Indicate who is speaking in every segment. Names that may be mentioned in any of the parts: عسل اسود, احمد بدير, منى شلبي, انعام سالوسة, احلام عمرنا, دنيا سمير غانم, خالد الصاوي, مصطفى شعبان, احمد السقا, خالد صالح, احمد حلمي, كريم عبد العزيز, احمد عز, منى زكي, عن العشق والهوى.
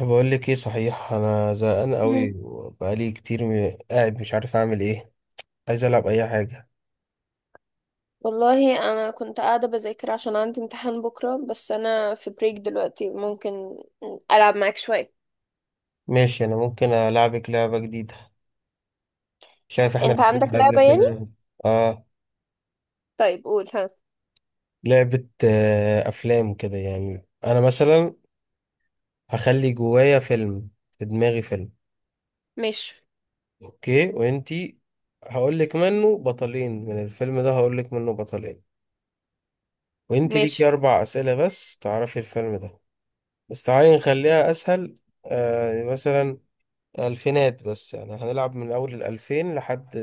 Speaker 1: بقول لك ايه، صحيح انا زهقان قوي
Speaker 2: مم.
Speaker 1: وبقالي كتير قاعد مش عارف اعمل ايه. عايز العب اي حاجه.
Speaker 2: والله انا كنت قاعده بذاكر عشان عندي امتحان بكره، بس انا في بريك دلوقتي. ممكن العب معاك شويه.
Speaker 1: ماشي، انا ممكن العبك لعبه جديده. شايف احنا
Speaker 2: انت عندك
Speaker 1: لعبنا قبل
Speaker 2: لعبه يعني؟
Speaker 1: كده؟ اه.
Speaker 2: طيب قول ها.
Speaker 1: لعبه افلام كده يعني، انا مثلا هخلي جوايا فيلم، في دماغي فيلم.
Speaker 2: ماشي،
Speaker 1: اوكي، وانتي. هقول لك منه بطلين من الفيلم ده، هقول لك منه بطلين، وانتي ليكي
Speaker 2: ماشي.
Speaker 1: 4 اسئله بس تعرفي الفيلم ده. بس تعالي نخليها اسهل. مثلا الفينات، بس يعني هنلعب من أول 2000 لحد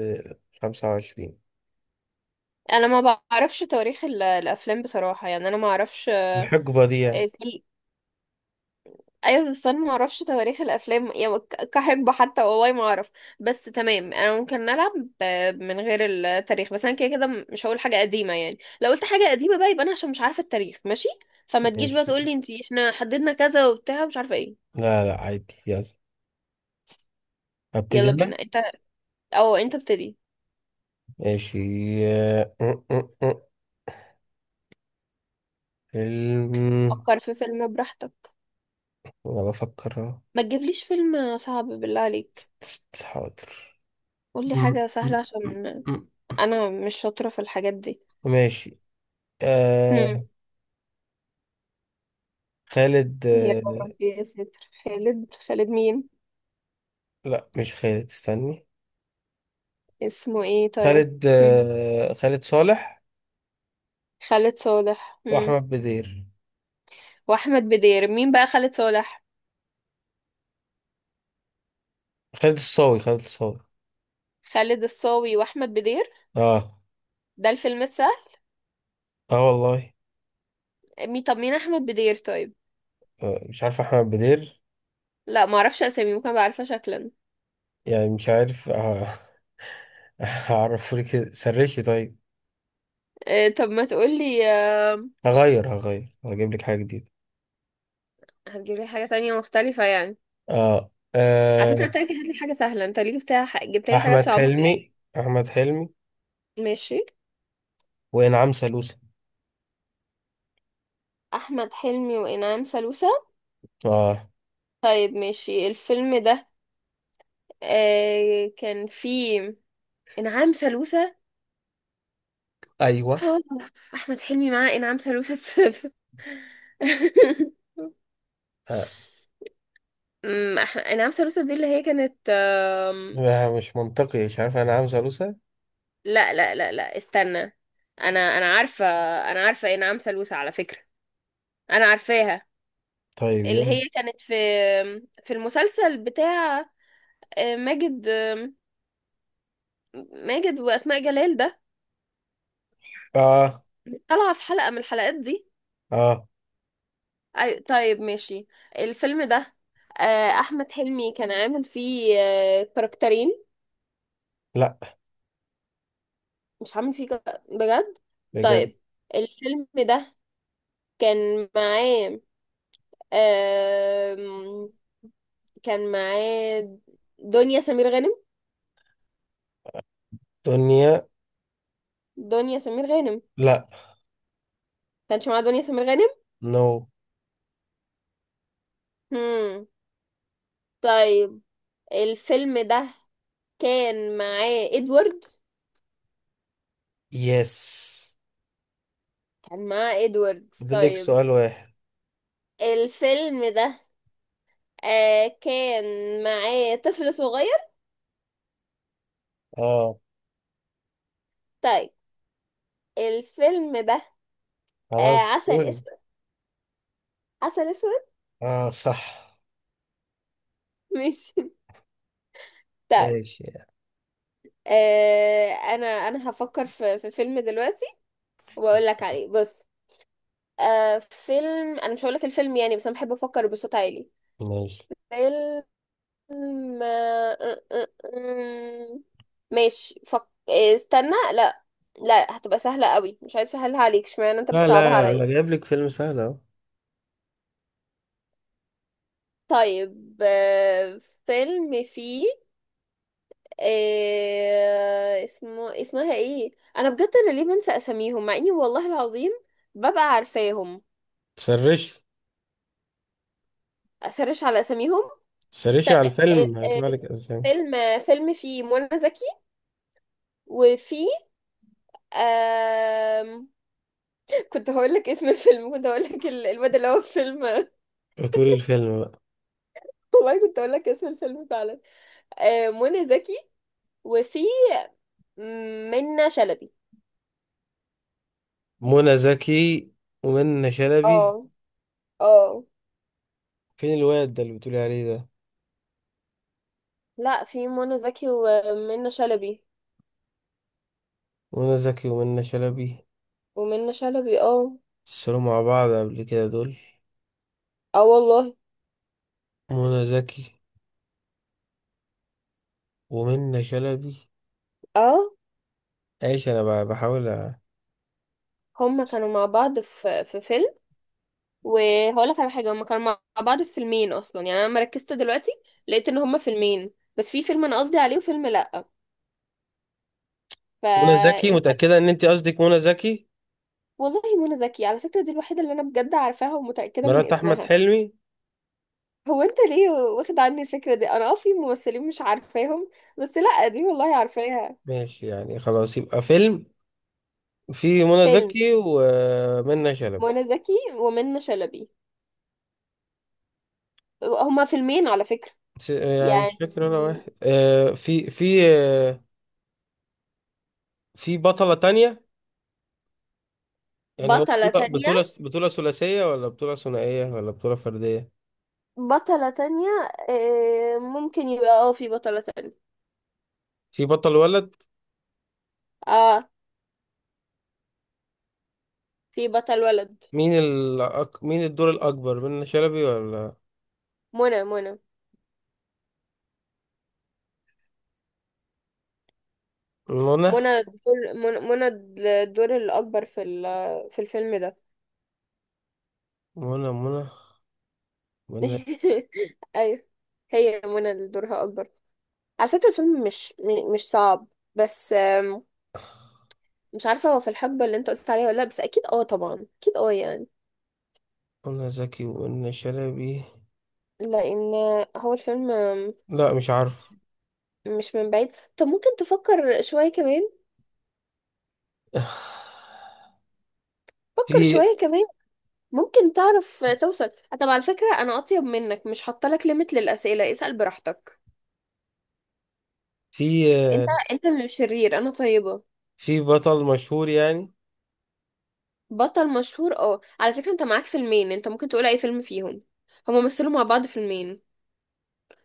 Speaker 1: 25.
Speaker 2: انا ما بعرفش تواريخ الافلام بصراحه، يعني انا ما اعرفش.
Speaker 1: الحقبة دي يعني.
Speaker 2: ايوه بس انا ما اعرفش تواريخ الافلام يعني كحقبه حتى، والله ما اعرف. بس تمام، انا ممكن نلعب ب- من غير التاريخ. بس انا كده كده مش هقول حاجه قديمه، يعني لو قلت حاجه قديمه بقى يبقى انا عشان مش عارفه التاريخ. ماشي، فما تجيش بقى
Speaker 1: ماشي.
Speaker 2: تقول لي انت احنا حددنا كذا وبتاع مش عارفه ايه.
Speaker 1: لا لا، عادي، يلا. أبتدي
Speaker 2: يلا
Speaker 1: أنا.
Speaker 2: بينا انت، او انت ابتدي.
Speaker 1: ماشي. آه، آه، آه، آه. فيلم.
Speaker 2: فكر في فيلم براحتك.
Speaker 1: أنا بفكر أهو.
Speaker 2: ما تجيبليش فيلم صعب بالله عليك.
Speaker 1: حاضر.
Speaker 2: قول لي
Speaker 1: م-
Speaker 2: حاجه
Speaker 1: م-
Speaker 2: سهله،
Speaker 1: م-
Speaker 2: عشان
Speaker 1: م.
Speaker 2: انا مش شاطره في الحاجات دي.
Speaker 1: ماشي. آه
Speaker 2: هم.
Speaker 1: خالد.
Speaker 2: يا ربي يا ستر، خالد؟ خالد مين؟
Speaker 1: لا مش خالد، استني.
Speaker 2: اسمه ايه طيب؟
Speaker 1: خالد
Speaker 2: مم.
Speaker 1: خالد صالح.
Speaker 2: خالد صالح. مم.
Speaker 1: وأحمد بدير.
Speaker 2: واحمد بدير؟ مين بقى خالد صالح؟
Speaker 1: خالد الصاوي خالد الصاوي.
Speaker 2: خالد الصاوي واحمد بدير.
Speaker 1: اه.
Speaker 2: ده الفيلم السهل؟
Speaker 1: اه والله.
Speaker 2: مين؟ طب مين احمد بدير طيب؟
Speaker 1: مش عارف احمد بدير.
Speaker 2: لا، ما اعرفش اسامي، ممكن ابقى عارفه شكلا.
Speaker 1: يعني مش عارف. هعرفه لك كده. سرشي. طيب،
Speaker 2: آه، طب ما تقول لي آه.
Speaker 1: هغير هغير هجيب لك حاجه جديده.
Speaker 2: هتجيب لي حاجه تانية مختلفه يعني.
Speaker 1: اه
Speaker 2: على
Speaker 1: آه،
Speaker 2: فكره انت جبت لي حاجه سهله، انت ليه جبت؟ جبت لي حاجه
Speaker 1: احمد
Speaker 2: تصعبها
Speaker 1: حلمي
Speaker 2: عليا.
Speaker 1: احمد حلمي
Speaker 2: ماشي.
Speaker 1: وانعام سالوسة.
Speaker 2: احمد حلمي وانعام سالوسة.
Speaker 1: اه.
Speaker 2: طيب ماشي. الفيلم ده آه كان فيه انعام سالوسة.
Speaker 1: ايوه
Speaker 2: آه، احمد حلمي معاه انعام سالوسة
Speaker 1: آه.
Speaker 2: انعام سالوسة دي اللي هي كانت
Speaker 1: لا، مش منطقي، مش عارف انعام سالوسة.
Speaker 2: لا لا لا لا، استنى. انا عارفه. انا عارفه انعام سالوسة على فكره، انا عارفاها.
Speaker 1: طيب
Speaker 2: اللي
Speaker 1: يلا.
Speaker 2: هي كانت في المسلسل بتاع ماجد، ماجد واسماء جلال ده،
Speaker 1: اه
Speaker 2: طالعه في حلقه من الحلقات دي.
Speaker 1: اه،
Speaker 2: طيب ماشي. الفيلم ده احمد حلمي كان عامل فيه كاركترين.
Speaker 1: لا
Speaker 2: مش هعمل فيه كده بجد؟
Speaker 1: بجد.
Speaker 2: طيب، الفيلم ده كان معاه آم، كان معاه دنيا سمير غانم.
Speaker 1: دنيا.
Speaker 2: دنيا سمير غانم.
Speaker 1: لا.
Speaker 2: كانش معاه دنيا سمير غانم.
Speaker 1: نو.
Speaker 2: هم. طيب، الفيلم ده كان معاه ادوارد.
Speaker 1: يس.
Speaker 2: كان معاه ادوارد
Speaker 1: فاضل لك
Speaker 2: طيب.
Speaker 1: سؤال واحد.
Speaker 2: الفيلم ده آه كان معاه طفل صغير.
Speaker 1: اه.
Speaker 2: طيب، الفيلم ده آه
Speaker 1: خلاص.
Speaker 2: عسل
Speaker 1: قول.
Speaker 2: اسود. عسل اسود.
Speaker 1: اه صح.
Speaker 2: ماشي. طيب،
Speaker 1: ايش؟
Speaker 2: انا هفكر في فيلم دلوقتي واقول لك عليه. بص، فيلم، انا مش هقول لك الفيلم يعني، بس انا بحب افكر بصوت عالي.
Speaker 1: ماشي،
Speaker 2: فيلم آه، آه، آه، آه. ماشي فك... آه، استنى. لا، لا هتبقى سهلة قوي، مش عايز اسهلها عليك، اشمعنى انت
Speaker 1: لا
Speaker 2: بتصعبها
Speaker 1: لا
Speaker 2: عليا.
Speaker 1: لا، جايب لك فيلم سهل اهو.
Speaker 2: طيب، فيلم فيه اسمها ايه. انا بجد، انا ليه بنسى اساميهم مع اني والله العظيم ببقى عارفاهم.
Speaker 1: سرشي.
Speaker 2: اسرش على اساميهم.
Speaker 1: سرشي
Speaker 2: طيب،
Speaker 1: على
Speaker 2: ال-
Speaker 1: الفيلم هيطلع
Speaker 2: ال-
Speaker 1: لك اسامي.
Speaker 2: فيلم، فيلم فيه منى زكي وفي آم... كنت هقول لك اسم الفيلم، كنت هقول لك الواد اللي هو في فيلم.
Speaker 1: بطول الفيلم بقى.
Speaker 2: والله كنت هقول لك اسم الفيلم فعلا. منى زكي وفي منى شلبي.
Speaker 1: منى زكي ومنى شلبي.
Speaker 2: اه، اه.
Speaker 1: فين الواد ده اللي بتقولي عليه ده؟
Speaker 2: لا، في منى زكي ومنى شلبي.
Speaker 1: منى زكي ومنى شلبي.
Speaker 2: ومنى شلبي اه.
Speaker 1: اتصلوا مع بعض قبل كده دول؟
Speaker 2: اه والله
Speaker 1: منى زكي ومنى شلبي.
Speaker 2: اه.
Speaker 1: ايش؟ انا بقى بحاول
Speaker 2: هما كانوا مع بعض في في فيلم، وهقول لك على حاجه، هما كانوا مع بعض في فيلمين اصلا، يعني انا لما ركزت دلوقتي لقيت ان هما فيلمين، بس في فيلم انا قصدي عليه وفيلم لا.
Speaker 1: منى زكي.
Speaker 2: فانت،
Speaker 1: متأكدة ان انت قصدك منى زكي؟
Speaker 2: والله منى زكي على فكره دي الوحيده اللي انا بجد عارفاها ومتاكده من
Speaker 1: مرات احمد
Speaker 2: اسمها.
Speaker 1: حلمي.
Speaker 2: هو انت ليه واخد عني الفكره دي؟ انا اه في ممثلين مش عارفاهم، بس لا دي والله عارفاها.
Speaker 1: ماشي، يعني خلاص يبقى فيلم فيه منى
Speaker 2: فيلم
Speaker 1: زكي ومنى شلبي.
Speaker 2: منى زكي ومنى شلبي، هما فيلمين على فكره.
Speaker 1: يعني
Speaker 2: يعني
Speaker 1: مش فاكر ولا واحد. في في بطلة تانية؟ يعني هو
Speaker 2: بطلة
Speaker 1: بطولة
Speaker 2: تانية،
Speaker 1: ثلاثية ولا بطولة ثنائية ولا بطولة فردية؟
Speaker 2: بطلة تانية. ممكن يبقى اه في بطلة تانية.
Speaker 1: في بطل ولد.
Speaker 2: اه في بطل ولد.
Speaker 1: مين الدور الأكبر، منى شلبي ولا؟
Speaker 2: منى، منى.
Speaker 1: منى
Speaker 2: منى الدور، منى، منى. الدور الأكبر في في الفيلم ده.
Speaker 1: منى منى منى.
Speaker 2: أيوة، هي منى اللي دورها أكبر. على فكرة الفيلم مش صعب، بس مش عارفة هو في الحقبة اللي انت قلت عليها ولا لأ، بس أكيد اه طبعا أكيد اه يعني.
Speaker 1: منى زكي ومنى شلبي.
Speaker 2: لأن هو الفيلم
Speaker 1: لا مش عارف.
Speaker 2: مش من بعيد. طب ممكن تفكر شوية كمان. فكر
Speaker 1: في
Speaker 2: شوية كمان، ممكن تعرف توصل. طب على فكرة أنا أطيب منك، مش حاطة لك ليميت للأسئلة، اسأل براحتك.
Speaker 1: في
Speaker 2: انت انت اللي شرير، انا طيبة.
Speaker 1: في بطل مشهور يعني.
Speaker 2: بطل مشهور؟ اه، على فكرة انت معاك فيلمين، انت ممكن تقول اي فيلم فيهم. هما مثلوا مع بعض فيلمين.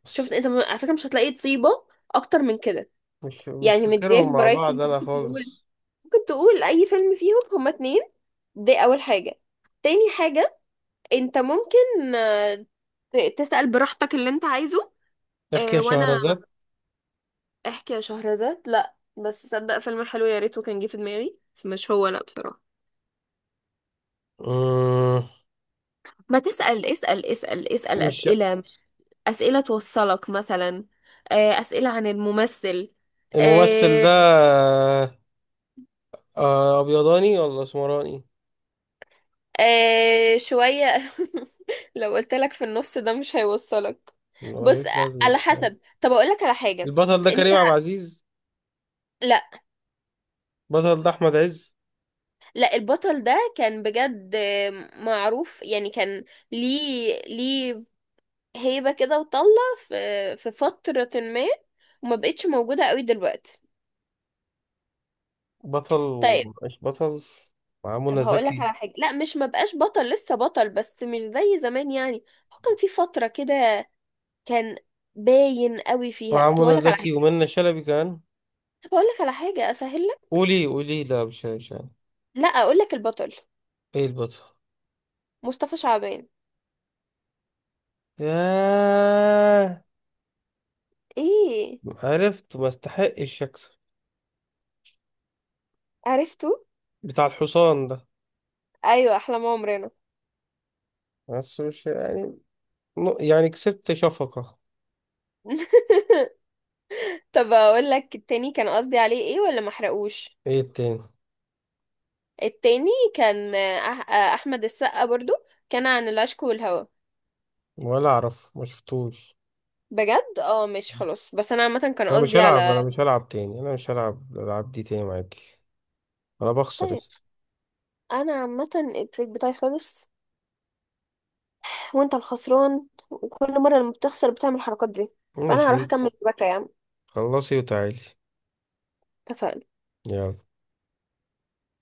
Speaker 1: بس
Speaker 2: شفت انت، على فكرة مش هتلاقي طيبة اكتر من كده.
Speaker 1: مش
Speaker 2: يعني مدياك
Speaker 1: فاكرهم مع
Speaker 2: برايتي،
Speaker 1: بعض
Speaker 2: انت
Speaker 1: أنا
Speaker 2: ممكن تقول،
Speaker 1: خالص.
Speaker 2: ممكن تقول اي فيلم فيهم، هما اتنين. دي اول حاجة. تاني حاجة، انت ممكن تسأل براحتك اللي انت عايزه.
Speaker 1: احكي يا
Speaker 2: وانا
Speaker 1: شهرزاد.
Speaker 2: احكي يا شهرزاد؟ لا بس صدق فيلم حلو، يا ريته كان جه في دماغي، بس مش هو لا بصراحة.
Speaker 1: مم،
Speaker 2: ما تسأل، اسأل، اسأل، اسأل
Speaker 1: مش
Speaker 2: أسئلة، أسئلة توصلك مثلا. أسئلة عن الممثل.
Speaker 1: الممثل
Speaker 2: آه،
Speaker 1: ده. ابيضاني ولا اسمراني؟
Speaker 2: شوية. لو قلت لك في النص ده مش هيوصلك.
Speaker 1: ما
Speaker 2: بص،
Speaker 1: ملوش لازمه
Speaker 2: على
Speaker 1: الصراحة.
Speaker 2: حسب، طب أقول لك على حاجة.
Speaker 1: البطل ده
Speaker 2: انت،
Speaker 1: كريم عبد العزيز؟
Speaker 2: لا،
Speaker 1: بطل ده احمد عز؟
Speaker 2: لا البطل ده كان بجد معروف يعني، كان ليه، ليه هيبة كده وطلة في فترة ما، وما بقتش موجودة قوي دلوقتي.
Speaker 1: بطل
Speaker 2: طيب،
Speaker 1: مش بطل؟ مع
Speaker 2: طب
Speaker 1: منى
Speaker 2: هقول لك
Speaker 1: زكي.
Speaker 2: على حاجة. لا، مش مبقاش بطل، لسه بطل، بس مش زي زمان يعني. هو كان في فترة كده كان باين قوي فيها.
Speaker 1: مع
Speaker 2: طب
Speaker 1: منى
Speaker 2: اقول لك على
Speaker 1: زكي
Speaker 2: حاجة،
Speaker 1: ومنى شلبي كمان.
Speaker 2: طب اقول لك على حاجة اسهل لك.
Speaker 1: قولي قولي، لا مش عارف.
Speaker 2: لا، اقول لك البطل
Speaker 1: ايه البطل؟
Speaker 2: مصطفى شعبان.
Speaker 1: ياه.
Speaker 2: ايه؟
Speaker 1: عرفت. ما استحقش اكسب.
Speaker 2: عرفته.
Speaker 1: بتاع الحصان ده.
Speaker 2: ايوه، احلام عمرنا.
Speaker 1: بس مش يعني، يعني كسبت شفقة.
Speaker 2: طب اقول لك التاني كان قصدي عليه ايه، ولا ما احرقوش؟
Speaker 1: ايه التاني؟
Speaker 2: التاني كان احمد السقا برضو، كان عن العشق والهوى.
Speaker 1: ولا اعرف، ما شفتوش.
Speaker 2: بجد اه، ماشي خلاص، بس انا عامه كان
Speaker 1: انا مش
Speaker 2: قصدي
Speaker 1: هلعب،
Speaker 2: على.
Speaker 1: انا مش هلعب تاني، انا مش هلعب الالعاب دي تاني معاكي. انا بخسر.
Speaker 2: طيب، انا عامه التريك بتاعي خالص، وانت الخسران، وكل مره لما بتخسر بتعمل الحركات دي. فانا
Speaker 1: ماشي
Speaker 2: هروح
Speaker 1: انت.
Speaker 2: اكمل مذاكره يا عم.
Speaker 1: خلصي وتعالي.
Speaker 2: اتفقنا.
Speaker 1: يلا